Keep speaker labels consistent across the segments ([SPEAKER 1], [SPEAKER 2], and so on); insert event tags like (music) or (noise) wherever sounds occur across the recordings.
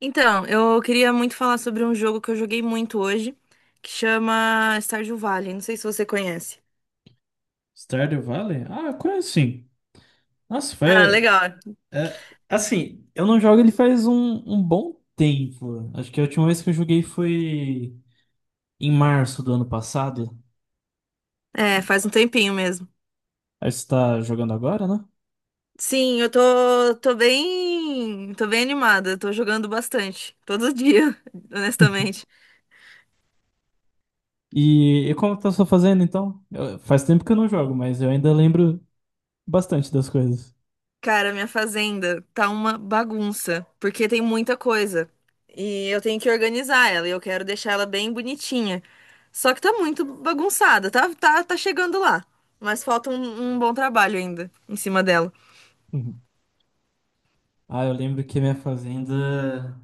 [SPEAKER 1] Então, eu queria muito falar sobre um jogo que eu joguei muito hoje, que chama Stardew Valley. Não sei se você conhece.
[SPEAKER 2] Stardew Valley? Ah, eu conheço sim. Nossa, foi.
[SPEAKER 1] Ah, legal.
[SPEAKER 2] É, assim, eu não jogo ele faz um bom tempo. Acho que a última vez que eu joguei foi em março do ano passado.
[SPEAKER 1] É, faz um tempinho mesmo.
[SPEAKER 2] Aí você tá jogando agora, né?
[SPEAKER 1] Sim, eu tô bem animada, tô jogando bastante, todo dia, (laughs) honestamente.
[SPEAKER 2] E como tá só fazendo então? Faz tempo que eu não jogo, mas eu ainda lembro bastante das coisas.
[SPEAKER 1] Cara, minha fazenda tá uma bagunça, porque tem muita coisa. E eu tenho que organizar ela, e eu quero deixar ela bem bonitinha. Só que tá muito bagunçada, tá chegando lá. Mas falta um bom trabalho ainda em cima dela.
[SPEAKER 2] Uhum. Ah, eu lembro que a minha fazenda,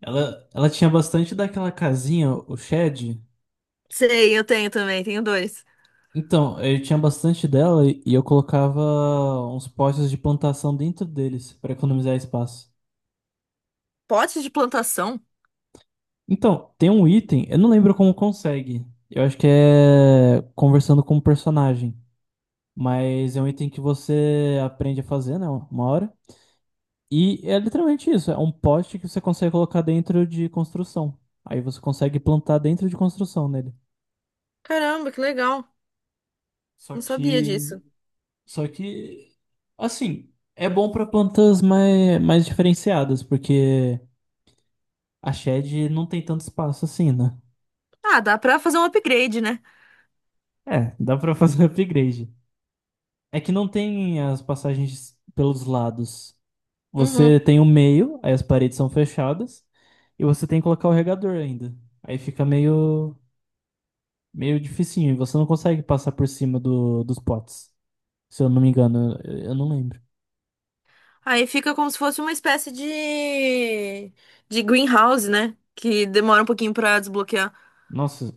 [SPEAKER 2] ela tinha bastante daquela casinha, o shed.
[SPEAKER 1] Sei, eu tenho também, tenho dois.
[SPEAKER 2] Então, eu tinha bastante dela e eu colocava uns postes de plantação dentro deles para economizar espaço.
[SPEAKER 1] Potes de plantação?
[SPEAKER 2] Então, tem um item, eu não lembro como consegue. Eu acho que é conversando com o personagem, mas é um item que você aprende a fazer, né, uma hora. E é literalmente isso, é um poste que você consegue colocar dentro de construção. Aí você consegue plantar dentro de construção nele.
[SPEAKER 1] Caramba, que legal.
[SPEAKER 2] Só
[SPEAKER 1] Não sabia
[SPEAKER 2] que,
[SPEAKER 1] disso.
[SPEAKER 2] só que, assim, é bom para plantas mais diferenciadas, porque a shed não tem tanto espaço assim, né?
[SPEAKER 1] Ah, dá pra fazer um upgrade, né?
[SPEAKER 2] É, dá para fazer (laughs) upgrade. É que não tem as passagens pelos lados.
[SPEAKER 1] Uhum.
[SPEAKER 2] Você tem o meio, aí as paredes são fechadas, e você tem que colocar o regador ainda. Aí fica meio dificinho e você não consegue passar por cima dos potes, se eu não me engano. Eu não lembro.
[SPEAKER 1] Aí fica como se fosse uma espécie de greenhouse, né? Que demora um pouquinho pra desbloquear.
[SPEAKER 2] Nossa,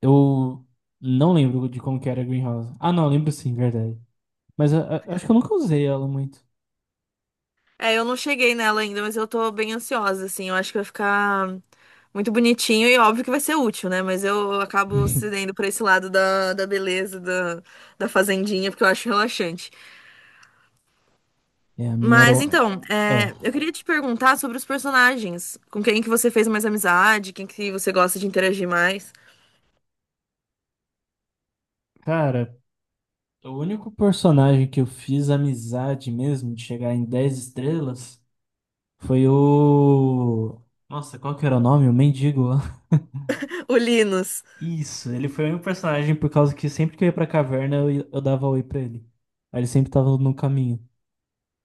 [SPEAKER 2] eu não lembro de como que era a Greenhouse. Ah, não, lembro sim, verdade. Mas acho que eu nunca usei ela muito.
[SPEAKER 1] É, eu não cheguei nela ainda, mas eu tô bem ansiosa, assim. Eu acho que vai ficar muito bonitinho e óbvio que vai ser útil, né? Mas eu acabo cedendo
[SPEAKER 2] (laughs)
[SPEAKER 1] pra esse lado da beleza, da fazendinha, porque eu acho relaxante.
[SPEAKER 2] É, a minha era.
[SPEAKER 1] Mas então,
[SPEAKER 2] Ah,
[SPEAKER 1] é, eu queria te perguntar sobre os personagens. Com quem que você fez mais amizade? Quem que você gosta de interagir mais?
[SPEAKER 2] cara, o único personagem que eu fiz amizade mesmo, de chegar em 10 estrelas, foi o. Nossa, qual que era o nome? O mendigo.
[SPEAKER 1] (laughs) O Linus.
[SPEAKER 2] Isso, ele foi o meu personagem por causa que sempre que eu ia pra caverna eu dava oi pra ele. Aí ele sempre tava no caminho.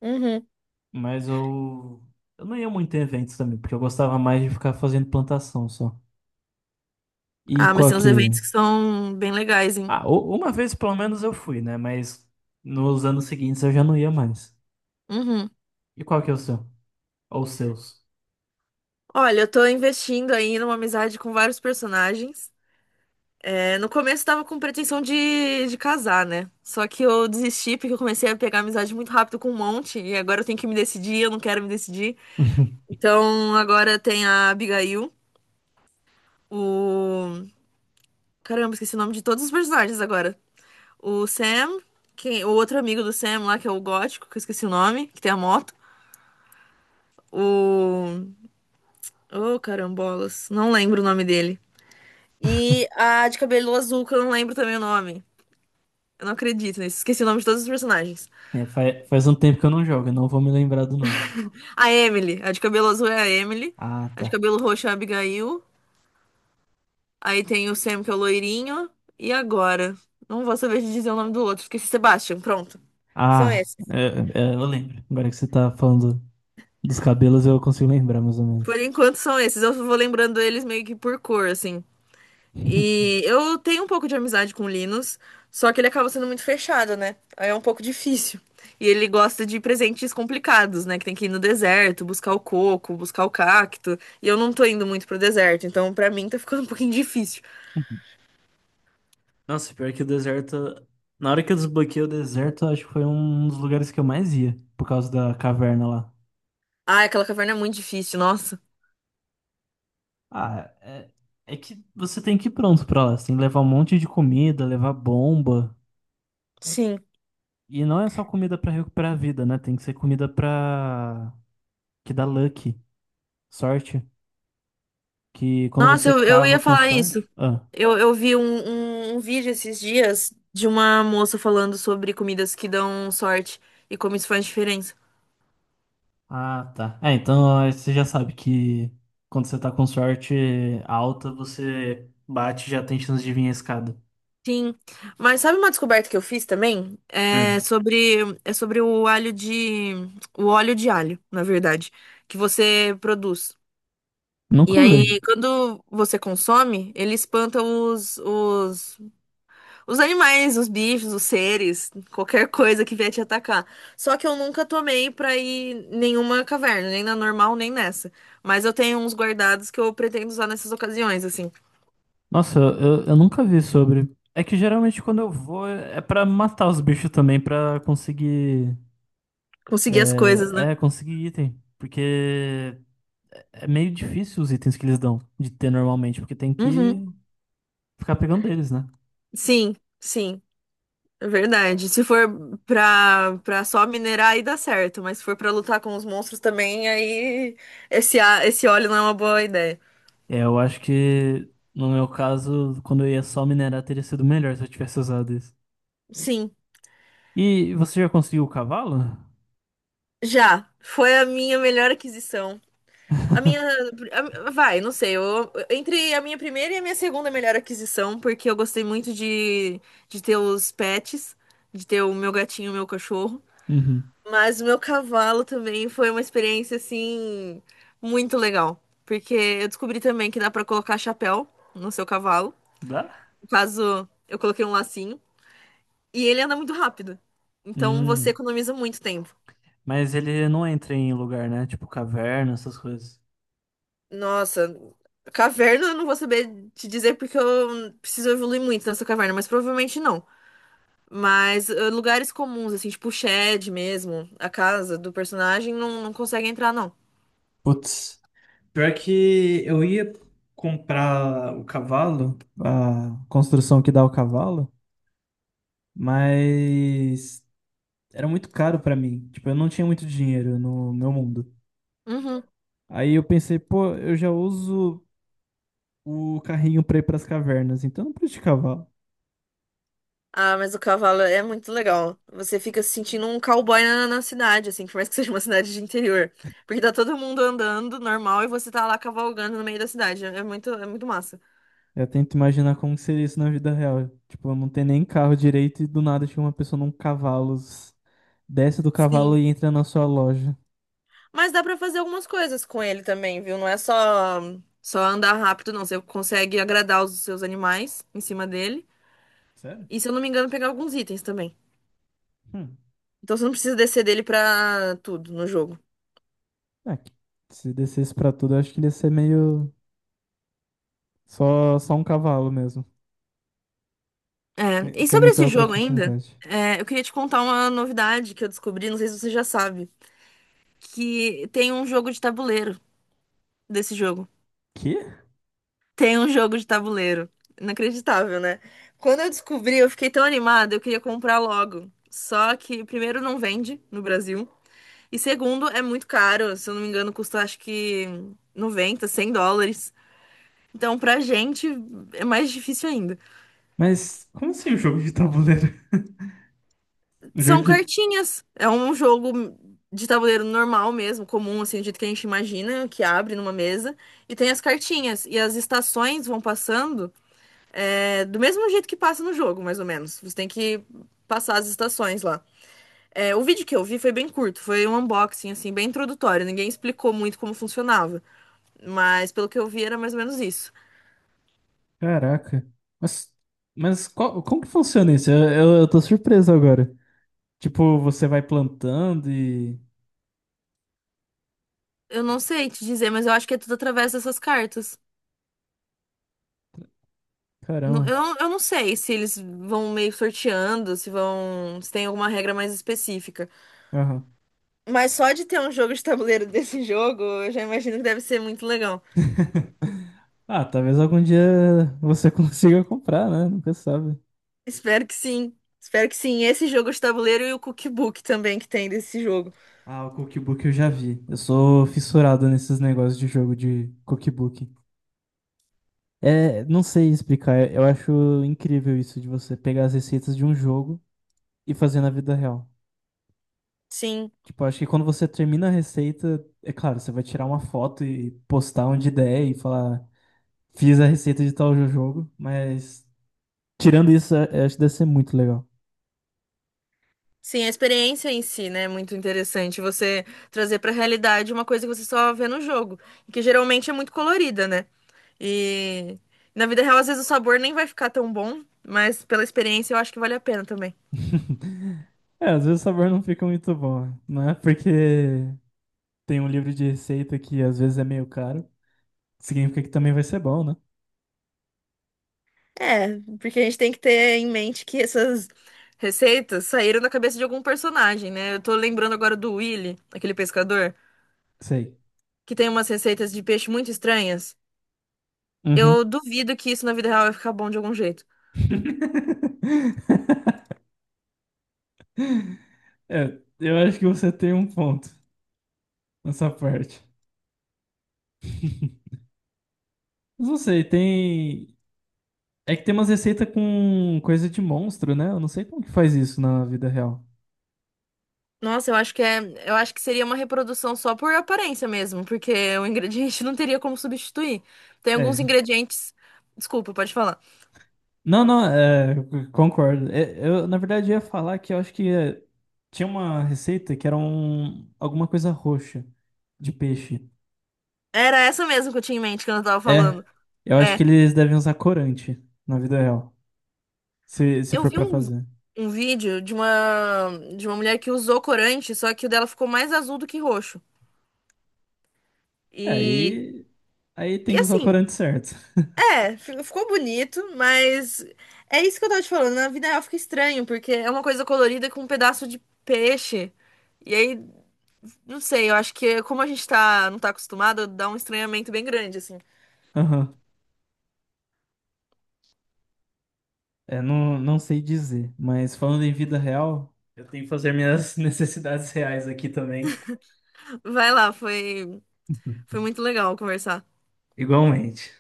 [SPEAKER 1] Uhum.
[SPEAKER 2] Mas eu não ia muito em eventos também, porque eu gostava mais de ficar fazendo plantação só. E
[SPEAKER 1] Ah, mas
[SPEAKER 2] qual
[SPEAKER 1] tem uns
[SPEAKER 2] que.
[SPEAKER 1] eventos que são bem legais, hein?
[SPEAKER 2] Ah, uma vez pelo menos eu fui, né? Mas nos anos seguintes eu já não ia mais.
[SPEAKER 1] Uhum.
[SPEAKER 2] E qual que é o seu? Ou os seus?
[SPEAKER 1] Olha, eu tô investindo aí numa amizade com vários personagens. É, no começo tava com pretensão de casar, né? Só que eu desisti porque eu comecei a pegar amizade muito rápido com um monte e agora eu tenho que me decidir, eu não quero me decidir.
[SPEAKER 2] (laughs)
[SPEAKER 1] Então agora tem a Abigail, o. Caramba, esqueci o nome de todos os personagens agora. O Sam, quem... o outro amigo do Sam lá, que é o gótico, que eu esqueci o nome, que tem a moto. O. Oh, carambolas, não lembro o nome dele. E a de cabelo azul, que eu não lembro também o nome. Eu não acredito nisso, esqueci o nome de todos os personagens.
[SPEAKER 2] É, faz um tempo que eu não jogo, eu não vou me lembrar do nome.
[SPEAKER 1] A Emily. A de cabelo azul é a Emily.
[SPEAKER 2] Ah,
[SPEAKER 1] A de
[SPEAKER 2] tá.
[SPEAKER 1] cabelo roxo é a Abigail. Aí tem o Sam, que é o loirinho. E agora? Não vou saber te dizer o nome do outro. Esqueci Sebastian. Pronto. São
[SPEAKER 2] Ah,
[SPEAKER 1] esses.
[SPEAKER 2] é, eu lembro. Agora que você tá falando dos cabelos, eu consigo lembrar mais ou menos.
[SPEAKER 1] Por enquanto são esses. Eu vou lembrando eles meio que por cor, assim.
[SPEAKER 2] (laughs)
[SPEAKER 1] E eu tenho um pouco de amizade com o Linus, só que ele acaba sendo muito fechado, né? Aí é um pouco difícil. E ele gosta de presentes complicados, né? Que tem que ir no deserto, buscar o coco, buscar o cacto. E eu não tô indo muito pro deserto, então pra mim tá ficando um pouquinho (laughs) difícil.
[SPEAKER 2] Nossa, pior que o deserto. Na hora que eu desbloqueei o deserto, acho que foi um dos lugares que eu mais ia, por causa da caverna lá.
[SPEAKER 1] Ah, aquela caverna é muito difícil, nossa.
[SPEAKER 2] Ah, é, é que você tem que ir pronto pra lá. Você tem que levar um monte de comida, levar bomba.
[SPEAKER 1] Sim.
[SPEAKER 2] E não é só comida pra recuperar a vida, né? Tem que ser comida pra que dá luck, sorte. Que quando
[SPEAKER 1] Nossa,
[SPEAKER 2] você
[SPEAKER 1] eu
[SPEAKER 2] cava
[SPEAKER 1] ia
[SPEAKER 2] com
[SPEAKER 1] falar
[SPEAKER 2] sorte.
[SPEAKER 1] isso.
[SPEAKER 2] Ah,
[SPEAKER 1] Eu vi um vídeo esses dias de uma moça falando sobre comidas que dão sorte e como isso faz diferença.
[SPEAKER 2] ah, tá. É, então aí você já sabe que quando você tá com sorte alta, você bate e já tem chance de vir a escada.
[SPEAKER 1] Sim, mas sabe uma descoberta que eu fiz também? É
[SPEAKER 2] Hum.
[SPEAKER 1] sobre, é sobre o alho de, o óleo de alho, na verdade, que você produz. E
[SPEAKER 2] Nunca usei.
[SPEAKER 1] aí, quando você consome, ele espanta os animais, os bichos, os seres, qualquer coisa que vier te atacar. Só que eu nunca tomei pra ir em nenhuma caverna, nem na normal, nem nessa. Mas eu tenho uns guardados que eu pretendo usar nessas ocasiões, assim.
[SPEAKER 2] Nossa, eu nunca vi sobre. É que geralmente quando eu vou é pra matar os bichos também, pra conseguir.
[SPEAKER 1] Conseguir as coisas, né?
[SPEAKER 2] É, conseguir item. Porque é meio difícil os itens que eles dão de ter normalmente, porque tem
[SPEAKER 1] Uhum.
[SPEAKER 2] que ficar pegando deles, né?
[SPEAKER 1] Sim, sim, é verdade. Se for pra só minerar, aí dá certo. Mas se for pra lutar com os monstros também, aí esse óleo não é uma boa ideia.
[SPEAKER 2] É, eu acho que no meu caso, quando eu ia só minerar, teria sido melhor se eu tivesse usado isso.
[SPEAKER 1] Sim,
[SPEAKER 2] E você já conseguiu o cavalo?
[SPEAKER 1] já. Foi a minha melhor aquisição. A minha. Vai, não sei. Eu, entre a minha primeira e a minha segunda melhor aquisição, porque eu gostei muito de ter os pets, de ter o meu gatinho e o meu cachorro.
[SPEAKER 2] Uhum.
[SPEAKER 1] Mas o meu cavalo também foi uma experiência, assim, muito legal. Porque eu descobri também que dá pra colocar chapéu no seu cavalo.
[SPEAKER 2] Dá?
[SPEAKER 1] No caso, eu coloquei um lacinho. E ele anda muito rápido. Então você
[SPEAKER 2] Hum.
[SPEAKER 1] economiza muito tempo.
[SPEAKER 2] Mas ele não entra em lugar, né? Tipo caverna, essas coisas.
[SPEAKER 1] Nossa, caverna eu não vou saber te dizer porque eu preciso evoluir muito nessa caverna, mas provavelmente não. Mas eh, lugares comuns, assim, tipo o shed mesmo, a casa do personagem, não, não consegue entrar, não.
[SPEAKER 2] Putz, pior que eu ia comprar o cavalo, a construção que dá o cavalo, mas era muito caro pra mim. Tipo, eu não tinha muito dinheiro no meu mundo.
[SPEAKER 1] Uhum.
[SPEAKER 2] Aí eu pensei, pô, eu já uso o carrinho pra ir pras cavernas, então eu não preciso de cavalo.
[SPEAKER 1] Ah, mas o cavalo é muito legal. Você fica se sentindo um cowboy na cidade, assim, por mais que seja uma cidade de interior. Porque tá todo mundo andando normal e você tá lá cavalgando no meio da cidade. É muito massa.
[SPEAKER 2] Eu tento imaginar como que seria isso na vida real. Tipo, eu não tenho nem carro direito e do nada chega uma pessoa num cavalo, desce do cavalo
[SPEAKER 1] Sim.
[SPEAKER 2] e entra na sua loja.
[SPEAKER 1] Mas dá pra fazer algumas coisas com ele também, viu? Não é só andar rápido, não. Você consegue agradar os seus animais em cima dele.
[SPEAKER 2] Sério?
[SPEAKER 1] E se eu não me engano, pegar alguns itens também.
[SPEAKER 2] Hum.
[SPEAKER 1] Então você não precisa descer dele pra tudo no jogo.
[SPEAKER 2] É, que se descesse pra tudo, eu acho que ele ia ser meio só um cavalo mesmo.
[SPEAKER 1] É,
[SPEAKER 2] Sem,
[SPEAKER 1] e
[SPEAKER 2] sem
[SPEAKER 1] sobre
[SPEAKER 2] muita
[SPEAKER 1] esse
[SPEAKER 2] outra
[SPEAKER 1] jogo ainda,
[SPEAKER 2] funcionalidade.
[SPEAKER 1] é, eu queria te contar uma novidade que eu descobri, não sei se você já sabe, que tem um jogo de tabuleiro desse jogo.
[SPEAKER 2] Quê?
[SPEAKER 1] Tem um jogo de tabuleiro. Inacreditável, né? Quando eu descobri, eu fiquei tão animada, eu queria comprar logo. Só que primeiro não vende no Brasil. E segundo, é muito caro. Se eu não me engano, custa acho que 90, US$ 100. Então, pra gente, é mais difícil ainda.
[SPEAKER 2] Mas como assim um jogo de tabuleiro? (laughs) Um jogo
[SPEAKER 1] São
[SPEAKER 2] de.
[SPEAKER 1] cartinhas. É um jogo de tabuleiro normal mesmo, comum, assim, do jeito que a gente imagina, que abre numa mesa. E tem as cartinhas. E as estações vão passando é, do mesmo jeito que passa no jogo, mais ou menos. Você tem que passar as estações lá. É, o vídeo que eu vi foi bem curto, foi um unboxing, assim, bem introdutório. Ninguém explicou muito como funcionava. Mas pelo que eu vi, era mais ou menos isso.
[SPEAKER 2] Caraca. Mas, mas, como que funciona isso? Eu tô surpreso agora. Tipo, você vai plantando e.
[SPEAKER 1] Eu não sei te dizer, mas eu acho que é tudo através dessas cartas. Não-
[SPEAKER 2] Caramba.
[SPEAKER 1] Eu, não- eu não sei se eles vão meio sorteando, se vão, se tem alguma regra mais específica.
[SPEAKER 2] Aham.
[SPEAKER 1] Mas só de ter um jogo de tabuleiro (laughs) desse jogo, eu já imagino que deve ser muito legal.
[SPEAKER 2] (laughs) Ah, talvez algum dia você (laughs) consiga comprar, né? Nunca sabe.
[SPEAKER 1] Espero que sim. Espero que sim. Esse jogo de tabuleiro e o cookbook também que tem desse jogo.
[SPEAKER 2] Ah, o cookbook eu já vi. Eu sou fissurado nesses negócios de jogo de cookbook. É, não sei explicar. Eu acho incrível isso de você pegar as receitas de um jogo e fazer na vida real.
[SPEAKER 1] Sim.
[SPEAKER 2] Tipo, acho que quando você termina a receita, é claro, você vai tirar uma foto e postar onde der e falar, fiz a receita de tal jogo, mas tirando isso, acho que deve ser muito legal.
[SPEAKER 1] Sim, a experiência em si, né, é muito interessante você trazer pra realidade uma coisa que você só vê no jogo, e que geralmente é muito colorida, né? E na vida real, às vezes o sabor nem vai ficar tão bom, mas pela experiência eu acho que vale a pena também.
[SPEAKER 2] (laughs) É, às vezes o sabor não fica muito bom, né? Porque tem um livro de receita que às vezes é meio caro, significa que também vai ser bom, né?
[SPEAKER 1] É, porque a gente tem que ter em mente que essas receitas saíram da cabeça de algum personagem, né? Eu tô lembrando agora do Willy, aquele pescador,
[SPEAKER 2] Sei.
[SPEAKER 1] que tem umas receitas de peixe muito estranhas.
[SPEAKER 2] Uhum.
[SPEAKER 1] Eu duvido que isso na vida real vai ficar bom de algum jeito.
[SPEAKER 2] (laughs) É, eu acho que você tem um ponto nessa parte. (laughs) Mas não sei, tem. É que tem umas receitas com coisa de monstro, né? Eu não sei como que faz isso na vida real.
[SPEAKER 1] Nossa, eu acho que é, eu acho que seria uma reprodução só por aparência mesmo, porque o ingrediente (laughs) não teria como substituir. Tem alguns
[SPEAKER 2] É.
[SPEAKER 1] ingredientes. Desculpa, pode falar.
[SPEAKER 2] Não, não, é, concordo. É, eu, na verdade, ia falar que eu acho que é, tinha uma receita que era alguma coisa roxa de peixe.
[SPEAKER 1] Era essa mesmo que eu tinha em mente quando eu tava
[SPEAKER 2] É.
[SPEAKER 1] falando.
[SPEAKER 2] Eu acho
[SPEAKER 1] É,
[SPEAKER 2] que eles devem usar corante na vida real, se
[SPEAKER 1] eu
[SPEAKER 2] for
[SPEAKER 1] vi
[SPEAKER 2] pra
[SPEAKER 1] um,
[SPEAKER 2] fazer.
[SPEAKER 1] um vídeo de uma mulher que usou corante, só que o dela ficou mais azul do que roxo.
[SPEAKER 2] É,
[SPEAKER 1] E
[SPEAKER 2] aí, tem
[SPEAKER 1] e
[SPEAKER 2] que usar o
[SPEAKER 1] assim,
[SPEAKER 2] corante certo. (laughs)
[SPEAKER 1] é, ficou bonito, mas é isso que eu tava te falando. Na vida real fica estranho, porque é uma coisa colorida com um pedaço de peixe. E aí não sei, eu acho que como a gente tá, não tá acostumado, dá um estranhamento bem grande, assim.
[SPEAKER 2] Aham. É, não, não sei dizer, mas falando em vida real, eu tenho que fazer minhas (laughs) necessidades reais aqui também,
[SPEAKER 1] Vai lá, foi muito legal conversar.
[SPEAKER 2] igualmente.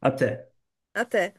[SPEAKER 2] Até.
[SPEAKER 1] Até.